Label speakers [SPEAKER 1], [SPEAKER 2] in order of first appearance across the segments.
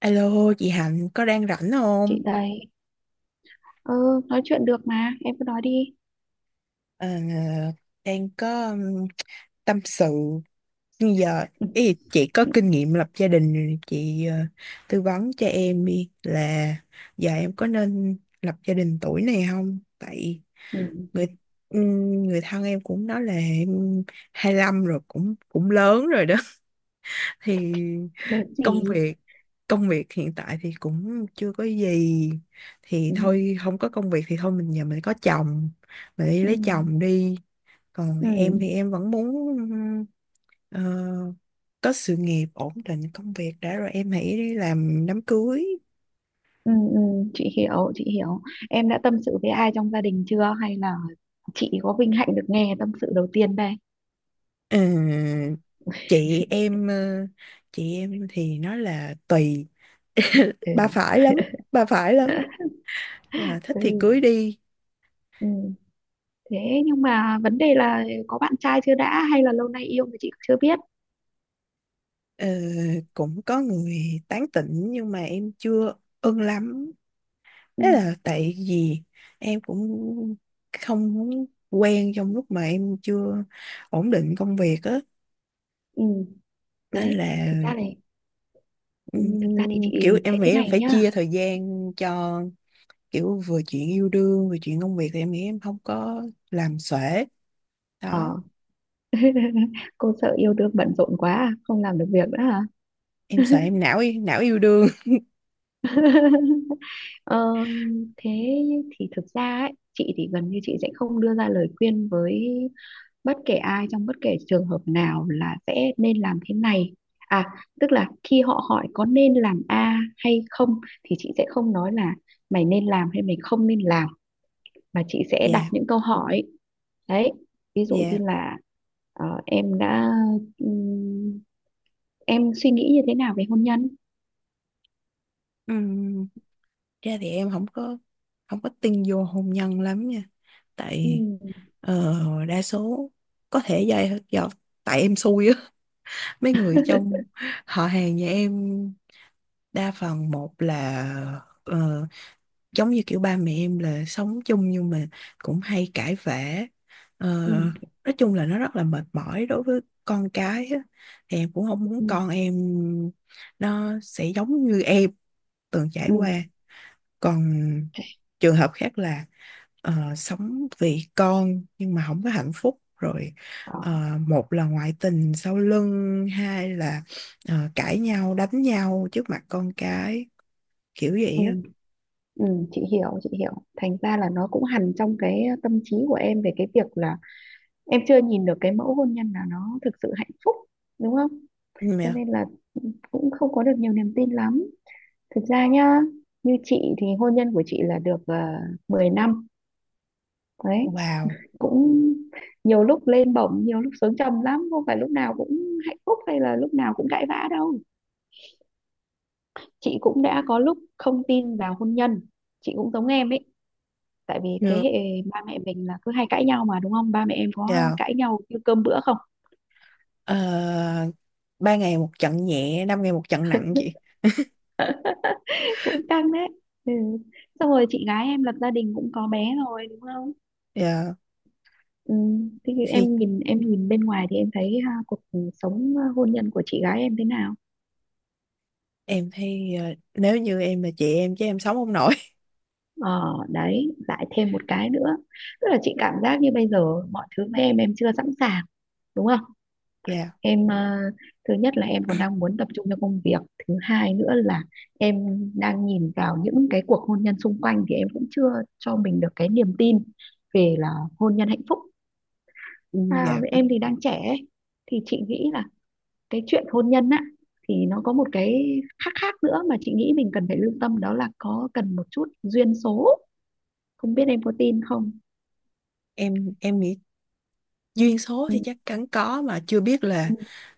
[SPEAKER 1] Alo, chị Hạnh có đang rảnh
[SPEAKER 2] Chị
[SPEAKER 1] không?
[SPEAKER 2] đây. Ừ nói chuyện được mà, em cứ nói đi.
[SPEAKER 1] Ờ, đang có tâm sự như giờ
[SPEAKER 2] ừ,
[SPEAKER 1] ý, chị có
[SPEAKER 2] ừ,
[SPEAKER 1] kinh nghiệm lập gia đình rồi, chị tư vấn cho em đi là giờ em có nên lập gia đình tuổi này không? Tại
[SPEAKER 2] ừ.
[SPEAKER 1] người người thân em cũng nói là em 25 rồi cũng cũng lớn rồi đó. Thì
[SPEAKER 2] Đợt
[SPEAKER 1] công
[SPEAKER 2] gì?
[SPEAKER 1] việc, công việc hiện tại thì cũng chưa có gì thì
[SPEAKER 2] ừ,
[SPEAKER 1] thôi, không có công việc thì thôi mình giờ mình có chồng, mình đi
[SPEAKER 2] ừ,
[SPEAKER 1] lấy chồng đi. Còn
[SPEAKER 2] ừ,
[SPEAKER 1] em thì em vẫn muốn ờ, có sự nghiệp ổn định công việc đã rồi em hãy đi làm đám cưới.
[SPEAKER 2] ừ, ừ. Chị hiểu, chị hiểu. Em đã tâm sự với ai trong gia đình chưa hay là chị có vinh hạnh được nghe tâm sự đầu tiên đây?
[SPEAKER 1] Ờ, chị em chị em thì nói là tùy. Bà
[SPEAKER 2] ừ.
[SPEAKER 1] phải lắm, bà phải lắm. Là thích thì
[SPEAKER 2] ừ,
[SPEAKER 1] cưới đi.
[SPEAKER 2] ừ. Thế nhưng mà vấn đề là có bạn trai chưa đã hay là lâu nay yêu mà chị chưa biết?
[SPEAKER 1] Ờ, cũng có người tán tỉnh nhưng mà em chưa ưng lắm.
[SPEAKER 2] ừ,
[SPEAKER 1] Đấy là tại vì em cũng không muốn quen trong lúc mà em chưa ổn định công việc á.
[SPEAKER 2] ừ.
[SPEAKER 1] Nên
[SPEAKER 2] Đấy,
[SPEAKER 1] là
[SPEAKER 2] thực ra này, ừ, thực ra thì
[SPEAKER 1] kiểu
[SPEAKER 2] chị thấy
[SPEAKER 1] em nghĩ
[SPEAKER 2] thế
[SPEAKER 1] em
[SPEAKER 2] này
[SPEAKER 1] phải
[SPEAKER 2] nhá.
[SPEAKER 1] chia thời gian cho kiểu vừa chuyện yêu đương vừa chuyện công việc thì em nghĩ em không có làm xuể.
[SPEAKER 2] Ờ,
[SPEAKER 1] Đó,
[SPEAKER 2] cô sợ yêu đương bận rộn quá à? Không làm được việc nữa hả?
[SPEAKER 1] em sợ em não não yêu đương.
[SPEAKER 2] ờ, Thế thì thực ra ấy, chị thì gần như chị sẽ không đưa ra lời khuyên với bất kể ai trong bất kể trường hợp nào là sẽ nên làm thế này, à, tức là khi họ hỏi có nên làm A hay không thì chị sẽ không nói là mày nên làm hay mày không nên làm, mà chị sẽ đặt
[SPEAKER 1] Dạ,
[SPEAKER 2] những câu hỏi. Đấy, ví dụ
[SPEAKER 1] dạ.
[SPEAKER 2] như là ờ, em đã em suy nghĩ như thế nào về hôn nhân?
[SPEAKER 1] Ừm, ra thì em không có, không có tin vô hôn nhân lắm nha.
[SPEAKER 2] ừ
[SPEAKER 1] Tại ờ, đa số có thể do, do tại em xui á, mấy người trong họ hàng nhà em đa phần một là ờ, giống như kiểu ba mẹ em là sống chung nhưng mà cũng hay cãi vã. Ờ,
[SPEAKER 2] ừ
[SPEAKER 1] nói chung là nó rất là mệt mỏi đối với con cái á. Thì em cũng không muốn
[SPEAKER 2] ừ
[SPEAKER 1] con em nó sẽ giống như em từng trải
[SPEAKER 2] ừ
[SPEAKER 1] qua. Còn trường hợp khác là sống vì con nhưng mà không có hạnh phúc rồi,
[SPEAKER 2] đó
[SPEAKER 1] một là ngoại tình sau lưng, hai là cãi nhau đánh nhau trước mặt con cái, kiểu vậy
[SPEAKER 2] ừ
[SPEAKER 1] á.
[SPEAKER 2] ừ chị hiểu, chị hiểu. Thành ra là nó cũng hằn trong cái tâm trí của em về cái việc là em chưa nhìn được cái mẫu hôn nhân nào nó thực sự hạnh phúc, đúng không?
[SPEAKER 1] Ừ,
[SPEAKER 2] Cho
[SPEAKER 1] yeah.
[SPEAKER 2] nên là cũng không có được nhiều niềm tin lắm. Thực ra nhá, như chị thì hôn nhân của chị là được 10 năm đấy.
[SPEAKER 1] Wow.
[SPEAKER 2] Cũng nhiều lúc lên bổng, nhiều lúc xuống trầm lắm, không phải lúc nào cũng hạnh phúc hay là lúc nào cũng cãi vã đâu. Chị cũng đã có lúc không tin vào hôn nhân, chị cũng giống em ấy, tại vì thế
[SPEAKER 1] Yeah.
[SPEAKER 2] hệ ba mẹ mình là cứ hay cãi nhau mà, đúng không? Ba mẹ em có
[SPEAKER 1] Yeah.
[SPEAKER 2] cãi nhau như cơm bữa không?
[SPEAKER 1] Ờ, ba ngày một trận nhẹ, năm ngày một trận nặng chị.
[SPEAKER 2] Cũng căng đấy. Ừ. Xong rồi chị gái em lập gia đình cũng có bé rồi đúng không?
[SPEAKER 1] Yeah.
[SPEAKER 2] Ừ. Thế thì
[SPEAKER 1] Thì
[SPEAKER 2] em nhìn, em nhìn bên ngoài thì em thấy ha, cuộc sống hôn nhân của chị gái em thế nào?
[SPEAKER 1] em thấy nếu như em là chị em chứ em sống không nổi.
[SPEAKER 2] Ờ đấy lại thêm một cái nữa, tức là chị cảm giác như bây giờ mọi thứ với em chưa sẵn sàng đúng không?
[SPEAKER 1] Dạ.
[SPEAKER 2] em ờ, Thứ nhất là em còn đang muốn tập trung cho công việc, thứ hai nữa là em đang nhìn vào những cái cuộc hôn nhân xung quanh thì em cũng chưa cho mình được cái niềm tin về là hôn nhân hạnh phúc.
[SPEAKER 1] Ừ,
[SPEAKER 2] À,
[SPEAKER 1] dạ.
[SPEAKER 2] em thì đang trẻ ấy. Thì chị nghĩ là cái chuyện hôn nhân á thì nó có một cái khác, khác nữa mà chị nghĩ mình cần phải lưu tâm, đó là có cần một chút duyên số, không biết em có tin không?
[SPEAKER 1] Em nghĩ duyên số thì chắc chắn có, mà chưa biết là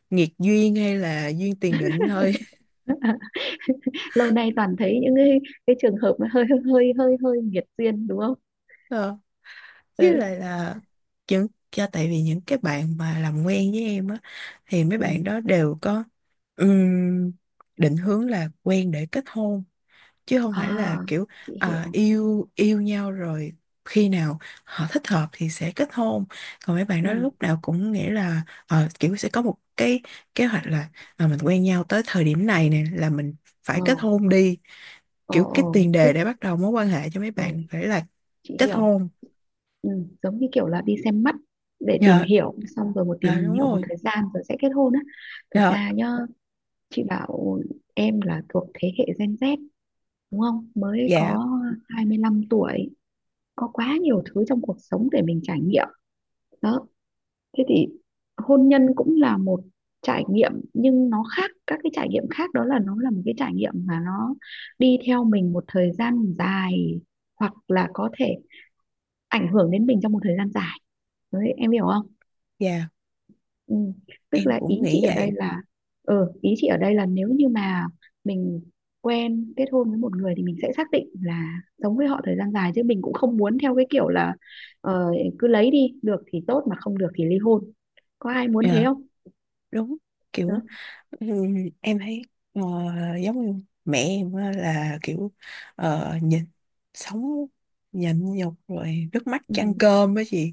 [SPEAKER 1] nghiệt duyên hay là duyên tiền định thôi.
[SPEAKER 2] Lâu nay toàn thấy những cái trường hợp nó hơi hơi nghiệt duyên đúng không?
[SPEAKER 1] Ờ, với
[SPEAKER 2] Ừ.
[SPEAKER 1] lại là những, cho tại vì những cái bạn mà làm quen với em á thì mấy
[SPEAKER 2] Ừ.
[SPEAKER 1] bạn đó đều có ừm, định hướng là quen để kết hôn chứ không phải
[SPEAKER 2] À,
[SPEAKER 1] là kiểu
[SPEAKER 2] chị hiểu.
[SPEAKER 1] à, yêu yêu nhau rồi khi nào họ thích hợp thì sẽ kết hôn. Còn mấy bạn
[SPEAKER 2] Ừ.
[SPEAKER 1] đó lúc nào cũng nghĩ là ờ, kiểu sẽ có một cái kế hoạch là à, mình quen nhau tới thời điểm này nè là mình
[SPEAKER 2] Ờ,
[SPEAKER 1] phải kết hôn đi, kiểu
[SPEAKER 2] ờ,
[SPEAKER 1] cái tiền đề
[SPEAKER 2] tức
[SPEAKER 1] để bắt đầu mối quan hệ cho mấy bạn
[SPEAKER 2] rồi,
[SPEAKER 1] phải là
[SPEAKER 2] chị
[SPEAKER 1] kết
[SPEAKER 2] hiểu.
[SPEAKER 1] hôn.
[SPEAKER 2] Ừ, giống như kiểu là đi xem mắt để tìm
[SPEAKER 1] Dạ.
[SPEAKER 2] hiểu, xong rồi một
[SPEAKER 1] Dạ
[SPEAKER 2] tìm
[SPEAKER 1] đúng
[SPEAKER 2] hiểu một
[SPEAKER 1] rồi.
[SPEAKER 2] thời gian rồi sẽ kết hôn á. Thực
[SPEAKER 1] Dạ.
[SPEAKER 2] ra nhá, chị bảo em là thuộc thế hệ Gen Z đúng không? Mới
[SPEAKER 1] Dạ.
[SPEAKER 2] có 25 tuổi, có quá nhiều thứ trong cuộc sống để mình trải nghiệm. Đó, thế thì hôn nhân cũng là một trải nghiệm, nhưng nó khác các cái trải nghiệm khác, đó là nó là một cái trải nghiệm mà nó đi theo mình một thời gian dài, hoặc là có thể ảnh hưởng đến mình trong một thời gian dài. Đấy, em hiểu không?
[SPEAKER 1] Dạ
[SPEAKER 2] Ừ. Tức
[SPEAKER 1] em
[SPEAKER 2] là
[SPEAKER 1] cũng
[SPEAKER 2] ý chị
[SPEAKER 1] nghĩ
[SPEAKER 2] ở đây
[SPEAKER 1] vậy.
[SPEAKER 2] là ừ, ý chị ở đây là nếu như mà mình quen kết hôn với một người thì mình sẽ xác định là sống với họ thời gian dài, chứ mình cũng không muốn theo cái kiểu là ờ, cứ lấy đi được thì tốt mà không được thì ly hôn, có ai muốn thế
[SPEAKER 1] Dạ
[SPEAKER 2] không?
[SPEAKER 1] đúng.
[SPEAKER 2] Ừ,
[SPEAKER 1] Kiểu em thấy ờ, giống như mẹ em á là kiểu nhìn sống nhịn nhục rồi nước mắt
[SPEAKER 2] ừ
[SPEAKER 1] chan cơm á chị,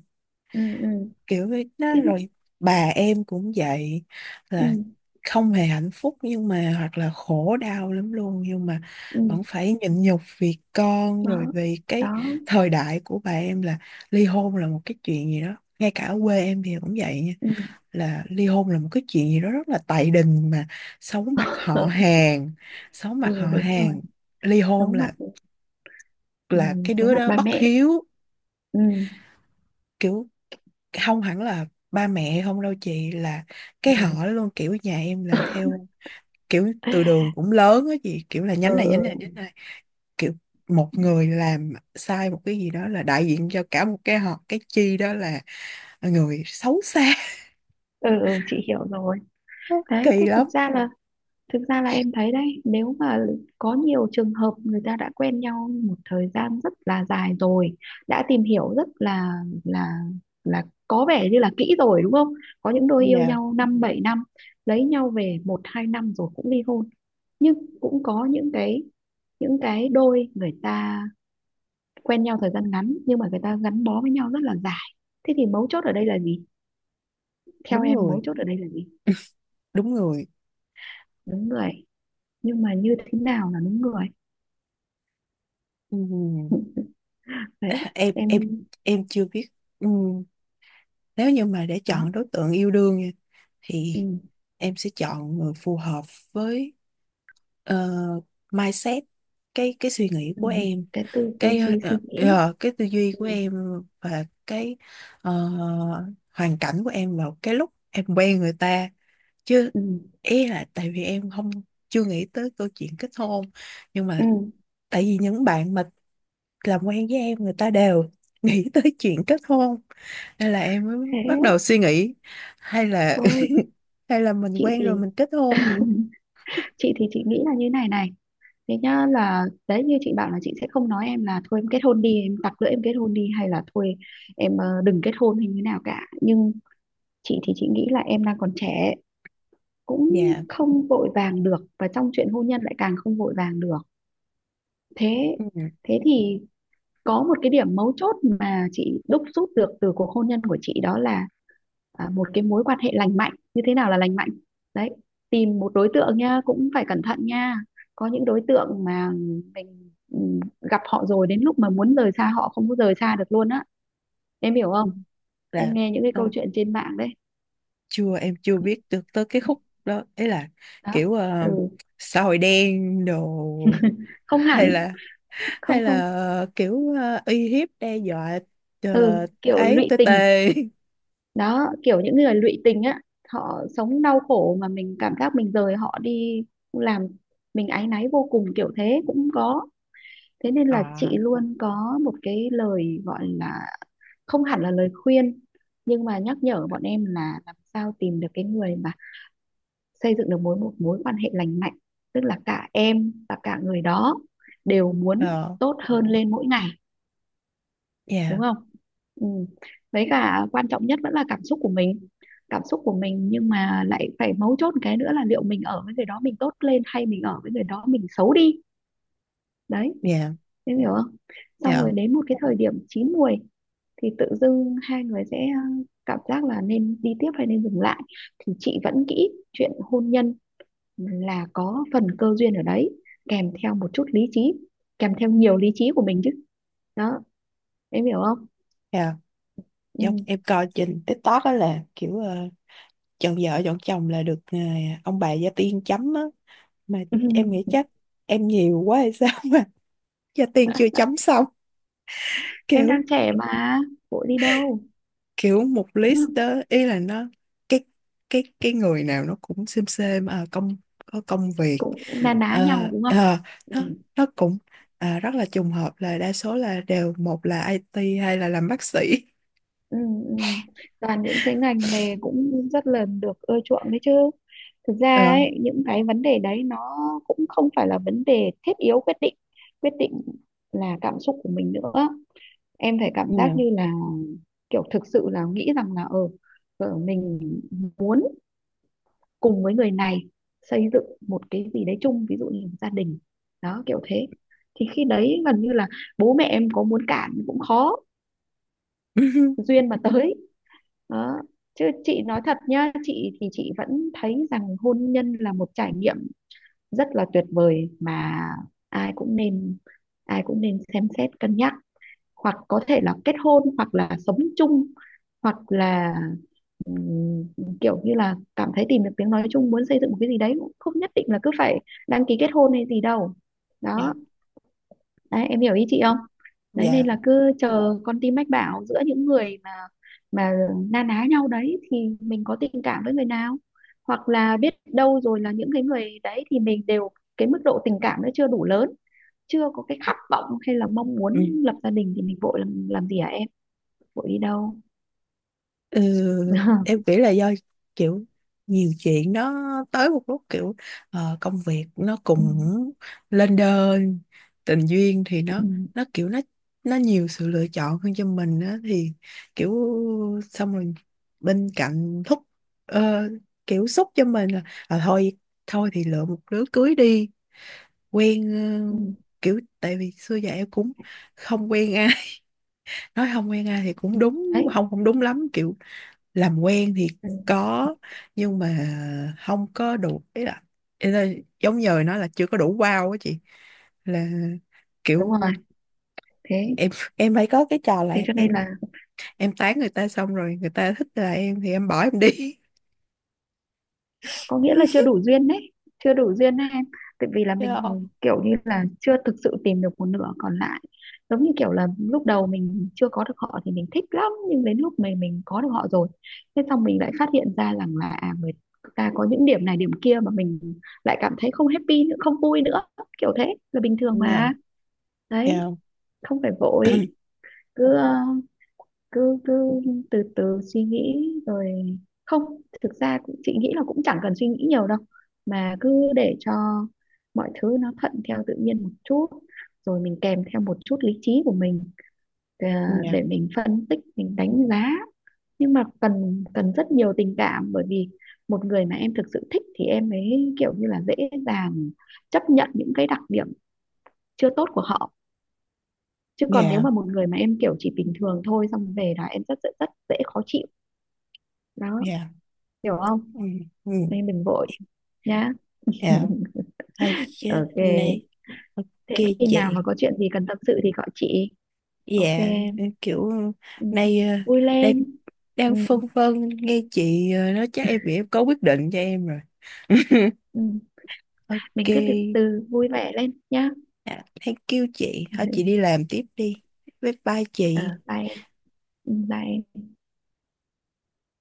[SPEAKER 2] ừ ừ
[SPEAKER 1] kiểu vậy đó
[SPEAKER 2] cái
[SPEAKER 1] rồi bà em cũng vậy,
[SPEAKER 2] ừ
[SPEAKER 1] là không hề hạnh phúc nhưng mà hoặc là khổ đau lắm luôn nhưng mà
[SPEAKER 2] ừ
[SPEAKER 1] vẫn phải nhịn nhục vì con rồi
[SPEAKER 2] đó
[SPEAKER 1] vì cái
[SPEAKER 2] đó
[SPEAKER 1] thời đại của bà em là ly hôn là một cái chuyện gì đó, ngay cả ở quê em thì cũng vậy nha,
[SPEAKER 2] ừ.
[SPEAKER 1] là ly hôn là một cái chuyện gì đó rất là tày đình mà xấu mặt họ hàng, xấu mặt
[SPEAKER 2] Ừ
[SPEAKER 1] họ
[SPEAKER 2] đúng rồi,
[SPEAKER 1] hàng. Ly hôn
[SPEAKER 2] giấu mặt. Ừ,
[SPEAKER 1] là cái
[SPEAKER 2] giấu
[SPEAKER 1] đứa
[SPEAKER 2] mặt
[SPEAKER 1] đó
[SPEAKER 2] ba
[SPEAKER 1] bất
[SPEAKER 2] mẹ.
[SPEAKER 1] hiếu.
[SPEAKER 2] ừ
[SPEAKER 1] Kiểu không hẳn là ba mẹ không đâu chị, là cái
[SPEAKER 2] ừ
[SPEAKER 1] họ luôn, kiểu nhà em là theo kiểu từ đường cũng lớn á chị, kiểu là
[SPEAKER 2] ừ
[SPEAKER 1] nhánh này nhánh
[SPEAKER 2] ừ
[SPEAKER 1] này nhánh này, kiểu một người làm sai một cái gì đó là đại diện cho cả một cái họ, cái chi đó là người xấu xa.
[SPEAKER 2] ừ, chị hiểu rồi.
[SPEAKER 1] Nó
[SPEAKER 2] Đấy,
[SPEAKER 1] kỳ
[SPEAKER 2] thế thực
[SPEAKER 1] lắm.
[SPEAKER 2] ra là, thực ra là em thấy đấy, nếu mà có nhiều trường hợp người ta đã quen nhau một thời gian rất là dài rồi, đã tìm hiểu rất là là là có vẻ như là kỹ rồi đúng không? Có những đôi yêu
[SPEAKER 1] Dạ,
[SPEAKER 2] nhau năm bảy năm lấy nhau về một hai năm rồi cũng ly hôn, nhưng cũng có những cái, những cái đôi người ta quen nhau thời gian ngắn nhưng mà người ta gắn bó với nhau rất là dài. Thế thì mấu chốt ở đây là gì, theo
[SPEAKER 1] đúng
[SPEAKER 2] em mấu
[SPEAKER 1] người,
[SPEAKER 2] chốt ở đây là gì?
[SPEAKER 1] đúng người.
[SPEAKER 2] Đúng người. Nhưng mà như thế nào là đúng người?
[SPEAKER 1] Ừm,
[SPEAKER 2] Đấy
[SPEAKER 1] em
[SPEAKER 2] em
[SPEAKER 1] em chưa biết. Ừm, nếu như mà để
[SPEAKER 2] đó.
[SPEAKER 1] chọn đối tượng yêu đương nha,
[SPEAKER 2] Ừ.
[SPEAKER 1] thì em sẽ chọn người phù hợp với ờ, mindset, cái suy nghĩ
[SPEAKER 2] Ừ.
[SPEAKER 1] của em,
[SPEAKER 2] Cái tư tư
[SPEAKER 1] cái
[SPEAKER 2] duy suy nghĩ.
[SPEAKER 1] cái tư duy của
[SPEAKER 2] Ừ.
[SPEAKER 1] em và cái ờ, hoàn cảnh của em vào cái lúc em quen người ta. Chứ
[SPEAKER 2] Ừ.
[SPEAKER 1] ý là tại vì em không, chưa nghĩ tới câu chuyện kết hôn, nhưng
[SPEAKER 2] Ừ.
[SPEAKER 1] mà tại vì những bạn mà làm quen với em người ta đều nghĩ tới chuyện kết hôn nên là em mới
[SPEAKER 2] Thế
[SPEAKER 1] bắt đầu suy nghĩ hay là
[SPEAKER 2] thôi
[SPEAKER 1] hay là mình
[SPEAKER 2] chị
[SPEAKER 1] quen rồi
[SPEAKER 2] thì
[SPEAKER 1] mình kết hôn.
[SPEAKER 2] chị thì chị nghĩ là như này này. Thế nhá, là đấy như chị bảo là chị sẽ không nói em là thôi em kết hôn đi, em tặc lưỡi em kết hôn đi, hay là thôi em đừng kết hôn hay như nào cả, nhưng chị thì chị nghĩ là em đang còn trẻ, cũng
[SPEAKER 1] Dạ.
[SPEAKER 2] không vội vàng được, và trong chuyện hôn nhân lại càng không vội vàng được. Thế
[SPEAKER 1] Ừ.
[SPEAKER 2] Thế thì có một cái điểm mấu chốt mà chị đúc rút được từ cuộc hôn nhân của chị, đó là à, một cái mối quan hệ lành mạnh, như thế nào là lành mạnh. Đấy, tìm một đối tượng nha, cũng phải cẩn thận nha. Có những đối tượng mà mình gặp họ rồi đến lúc mà muốn rời xa họ không có rời xa được luôn á, em hiểu không? Em
[SPEAKER 1] Là
[SPEAKER 2] nghe những cái câu
[SPEAKER 1] đó,
[SPEAKER 2] chuyện trên mạng đấy.
[SPEAKER 1] chưa, em chưa biết được tới cái khúc đó ấy, là
[SPEAKER 2] Đó.
[SPEAKER 1] kiểu ờ,
[SPEAKER 2] Ừ.
[SPEAKER 1] xã hội đen đồ,
[SPEAKER 2] Không
[SPEAKER 1] hay
[SPEAKER 2] hẳn.
[SPEAKER 1] là
[SPEAKER 2] Không
[SPEAKER 1] hay
[SPEAKER 2] không.
[SPEAKER 1] là kiểu uy hiếp đe dọa. Ờ,
[SPEAKER 2] Ừ kiểu
[SPEAKER 1] ấy
[SPEAKER 2] lụy
[SPEAKER 1] tê
[SPEAKER 2] tình.
[SPEAKER 1] tê.
[SPEAKER 2] Đó, kiểu những người lụy tình á, họ sống đau khổ mà mình cảm giác mình rời họ đi làm mình áy náy vô cùng, kiểu thế cũng có. Thế nên là
[SPEAKER 1] À.
[SPEAKER 2] chị luôn có một cái lời gọi là không hẳn là lời khuyên, nhưng mà nhắc nhở bọn em là làm sao tìm được cái người mà xây dựng được một mối quan hệ lành mạnh, tức là cả em và cả người đó đều muốn
[SPEAKER 1] Ờ.
[SPEAKER 2] tốt hơn lên mỗi ngày, đúng
[SPEAKER 1] Yeah.
[SPEAKER 2] không? Ừ. Với cả quan trọng nhất vẫn là cảm xúc của mình, cảm xúc của mình, nhưng mà lại phải mấu chốt một cái nữa là liệu mình ở với người đó mình tốt lên hay mình ở với người đó mình xấu đi. Đấy,
[SPEAKER 1] Yeah.
[SPEAKER 2] em hiểu không? Xong
[SPEAKER 1] Yeah.
[SPEAKER 2] rồi đến một cái thời điểm chín muồi thì tự dưng hai người sẽ cảm giác là nên đi tiếp hay nên dừng lại. Thì chị vẫn nghĩ chuyện hôn nhân là có phần cơ duyên ở đấy, kèm theo một chút lý trí, kèm theo nhiều lý trí của mình chứ. Đó, em hiểu không?
[SPEAKER 1] Yeah. Giống em coi trên TikTok á là kiểu chọn vợ chọn chồng là được ông bà gia tiên chấm á mà
[SPEAKER 2] Ừ.
[SPEAKER 1] em nghĩ chắc em nhiều quá hay sao mà gia tiên chưa chấm xong,
[SPEAKER 2] Em đang
[SPEAKER 1] kiểu,
[SPEAKER 2] trẻ mà, vội đi đâu,
[SPEAKER 1] kiểu một
[SPEAKER 2] đúng
[SPEAKER 1] list
[SPEAKER 2] không?
[SPEAKER 1] đó ý là nó cái cái người nào nó cũng xem à, công, có công việc.
[SPEAKER 2] Cũng na ná nhau
[SPEAKER 1] Ờ,
[SPEAKER 2] đúng không?
[SPEAKER 1] ờ,
[SPEAKER 2] ừ,
[SPEAKER 1] nó nó cũng à, rất là trùng hợp là đa số là đều một là IT hay là làm bác sĩ.
[SPEAKER 2] ừ, ừ. Toàn những cái ngành nghề cũng rất là được ưa chuộng đấy chứ. Thực ra
[SPEAKER 1] Ờ,
[SPEAKER 2] ấy, những cái vấn đề đấy nó cũng không phải là vấn đề thiết yếu quyết định. Quyết định là cảm xúc của mình nữa. Em phải cảm giác
[SPEAKER 1] nhiều.
[SPEAKER 2] như là kiểu thực sự là nghĩ rằng là ừ, mình muốn cùng với người này xây dựng một cái gì đấy chung, ví dụ như gia đình. Đó, kiểu thế thì khi đấy gần như là bố mẹ em có muốn cản cũng khó. Duyên mà tới. Đó, chứ chị nói thật nhá, chị thì chị vẫn thấy rằng hôn nhân là một trải nghiệm rất là tuyệt vời mà ai cũng nên, ai cũng nên xem xét cân nhắc, hoặc có thể là kết hôn hoặc là sống chung, hoặc là ừm, kiểu như là cảm thấy tìm được tiếng nói chung, muốn xây dựng một cái gì đấy, cũng không nhất định là cứ phải đăng ký kết hôn hay gì đâu. Đó,
[SPEAKER 1] Nhiều.
[SPEAKER 2] đấy, em hiểu ý chị không? Đấy
[SPEAKER 1] Dạ.
[SPEAKER 2] nên
[SPEAKER 1] Yeah.
[SPEAKER 2] là cứ chờ con tim mách bảo, giữa những người mà mà na ná nhau đấy thì mình có tình cảm với người nào, hoặc là biết đâu rồi là những cái người đấy thì mình đều cái mức độ tình cảm nó chưa đủ lớn, chưa có cái khát vọng hay là mong muốn lập gia đình thì mình vội làm gì hả em, vội đi đâu?
[SPEAKER 1] Ừ, em nghĩ là do kiểu nhiều chuyện nó tới một lúc kiểu công việc nó cũng
[SPEAKER 2] Ừ,
[SPEAKER 1] lên đơn, tình duyên thì
[SPEAKER 2] ừ,
[SPEAKER 1] nó kiểu nó nhiều sự lựa chọn hơn cho mình á thì kiểu, xong rồi bên cạnh thúc ờ, kiểu xúc cho mình là à, thôi, thôi thì lựa một đứa cưới đi. Quen
[SPEAKER 2] ừ,
[SPEAKER 1] ờ, kiểu tại vì xưa giờ em cũng không quen ai. Nói không quen ai thì
[SPEAKER 2] ừ.
[SPEAKER 1] cũng đúng,
[SPEAKER 2] Đấy
[SPEAKER 1] không không đúng lắm, kiểu làm quen thì có, nhưng mà không có đủ ý là giống như nó là chưa có đủ wow á chị, là
[SPEAKER 2] đúng rồi.
[SPEAKER 1] kiểu
[SPEAKER 2] Thế
[SPEAKER 1] em phải có cái trò là
[SPEAKER 2] Thế cho nên là
[SPEAKER 1] em tán người ta xong rồi người ta thích là em thì em bỏ em đi.
[SPEAKER 2] có nghĩa là chưa đủ duyên đấy, chưa đủ duyên đấy em. Tại vì là mình
[SPEAKER 1] Yeah.
[SPEAKER 2] kiểu như là chưa thực sự tìm được một nửa còn lại, giống như kiểu là lúc đầu mình chưa có được họ thì mình thích lắm, nhưng đến lúc mình có được họ rồi thế xong mình lại phát hiện ra rằng là à, người ta có những điểm này điểm kia mà mình lại cảm thấy không happy nữa, không vui nữa. Kiểu thế là bình thường mà.
[SPEAKER 1] No,
[SPEAKER 2] Đấy,
[SPEAKER 1] no.
[SPEAKER 2] không phải vội. Cứ ờ, cứ cứ từ từ suy nghĩ rồi, không, thực ra cũng chị nghĩ là cũng chẳng cần suy nghĩ nhiều đâu, mà cứ để cho mọi thứ nó thuận theo tự nhiên một chút, rồi mình kèm theo một chút lý trí của mình, ờ,
[SPEAKER 1] No,
[SPEAKER 2] để mình phân tích mình đánh giá, nhưng mà cần, cần rất nhiều tình cảm, bởi vì một người mà em thực sự thích thì em mới kiểu như là dễ dàng chấp nhận những cái đặc điểm chưa tốt của họ, chứ còn nếu mà
[SPEAKER 1] no,
[SPEAKER 2] một người mà em kiểu chỉ bình thường thôi xong về là em rất rất rất dễ khó chịu. Đó,
[SPEAKER 1] no.
[SPEAKER 2] hiểu không?
[SPEAKER 1] Mm, mm,
[SPEAKER 2] Nên đừng vội nhá.
[SPEAKER 1] no. Thôi chứ, này,
[SPEAKER 2] Ok,
[SPEAKER 1] ok
[SPEAKER 2] thế khi nào
[SPEAKER 1] chị.
[SPEAKER 2] mà có chuyện gì cần tâm sự thì gọi chị. Ok.
[SPEAKER 1] Dạ, kiểu
[SPEAKER 2] Ừ.
[SPEAKER 1] nay
[SPEAKER 2] Vui
[SPEAKER 1] đang
[SPEAKER 2] lên.
[SPEAKER 1] đang
[SPEAKER 2] Ừ.
[SPEAKER 1] phân vân nghe chị nói chắc em nghĩ em có quyết định cho em rồi.
[SPEAKER 2] Ừ.
[SPEAKER 1] Ok,
[SPEAKER 2] Mình cứ từ từ vui vẻ lên nhá.
[SPEAKER 1] à, thank you chị. Thôi chị đi làm tiếp đi. Bye bye
[SPEAKER 2] Ờ
[SPEAKER 1] chị.
[SPEAKER 2] bye. Ừ, bye.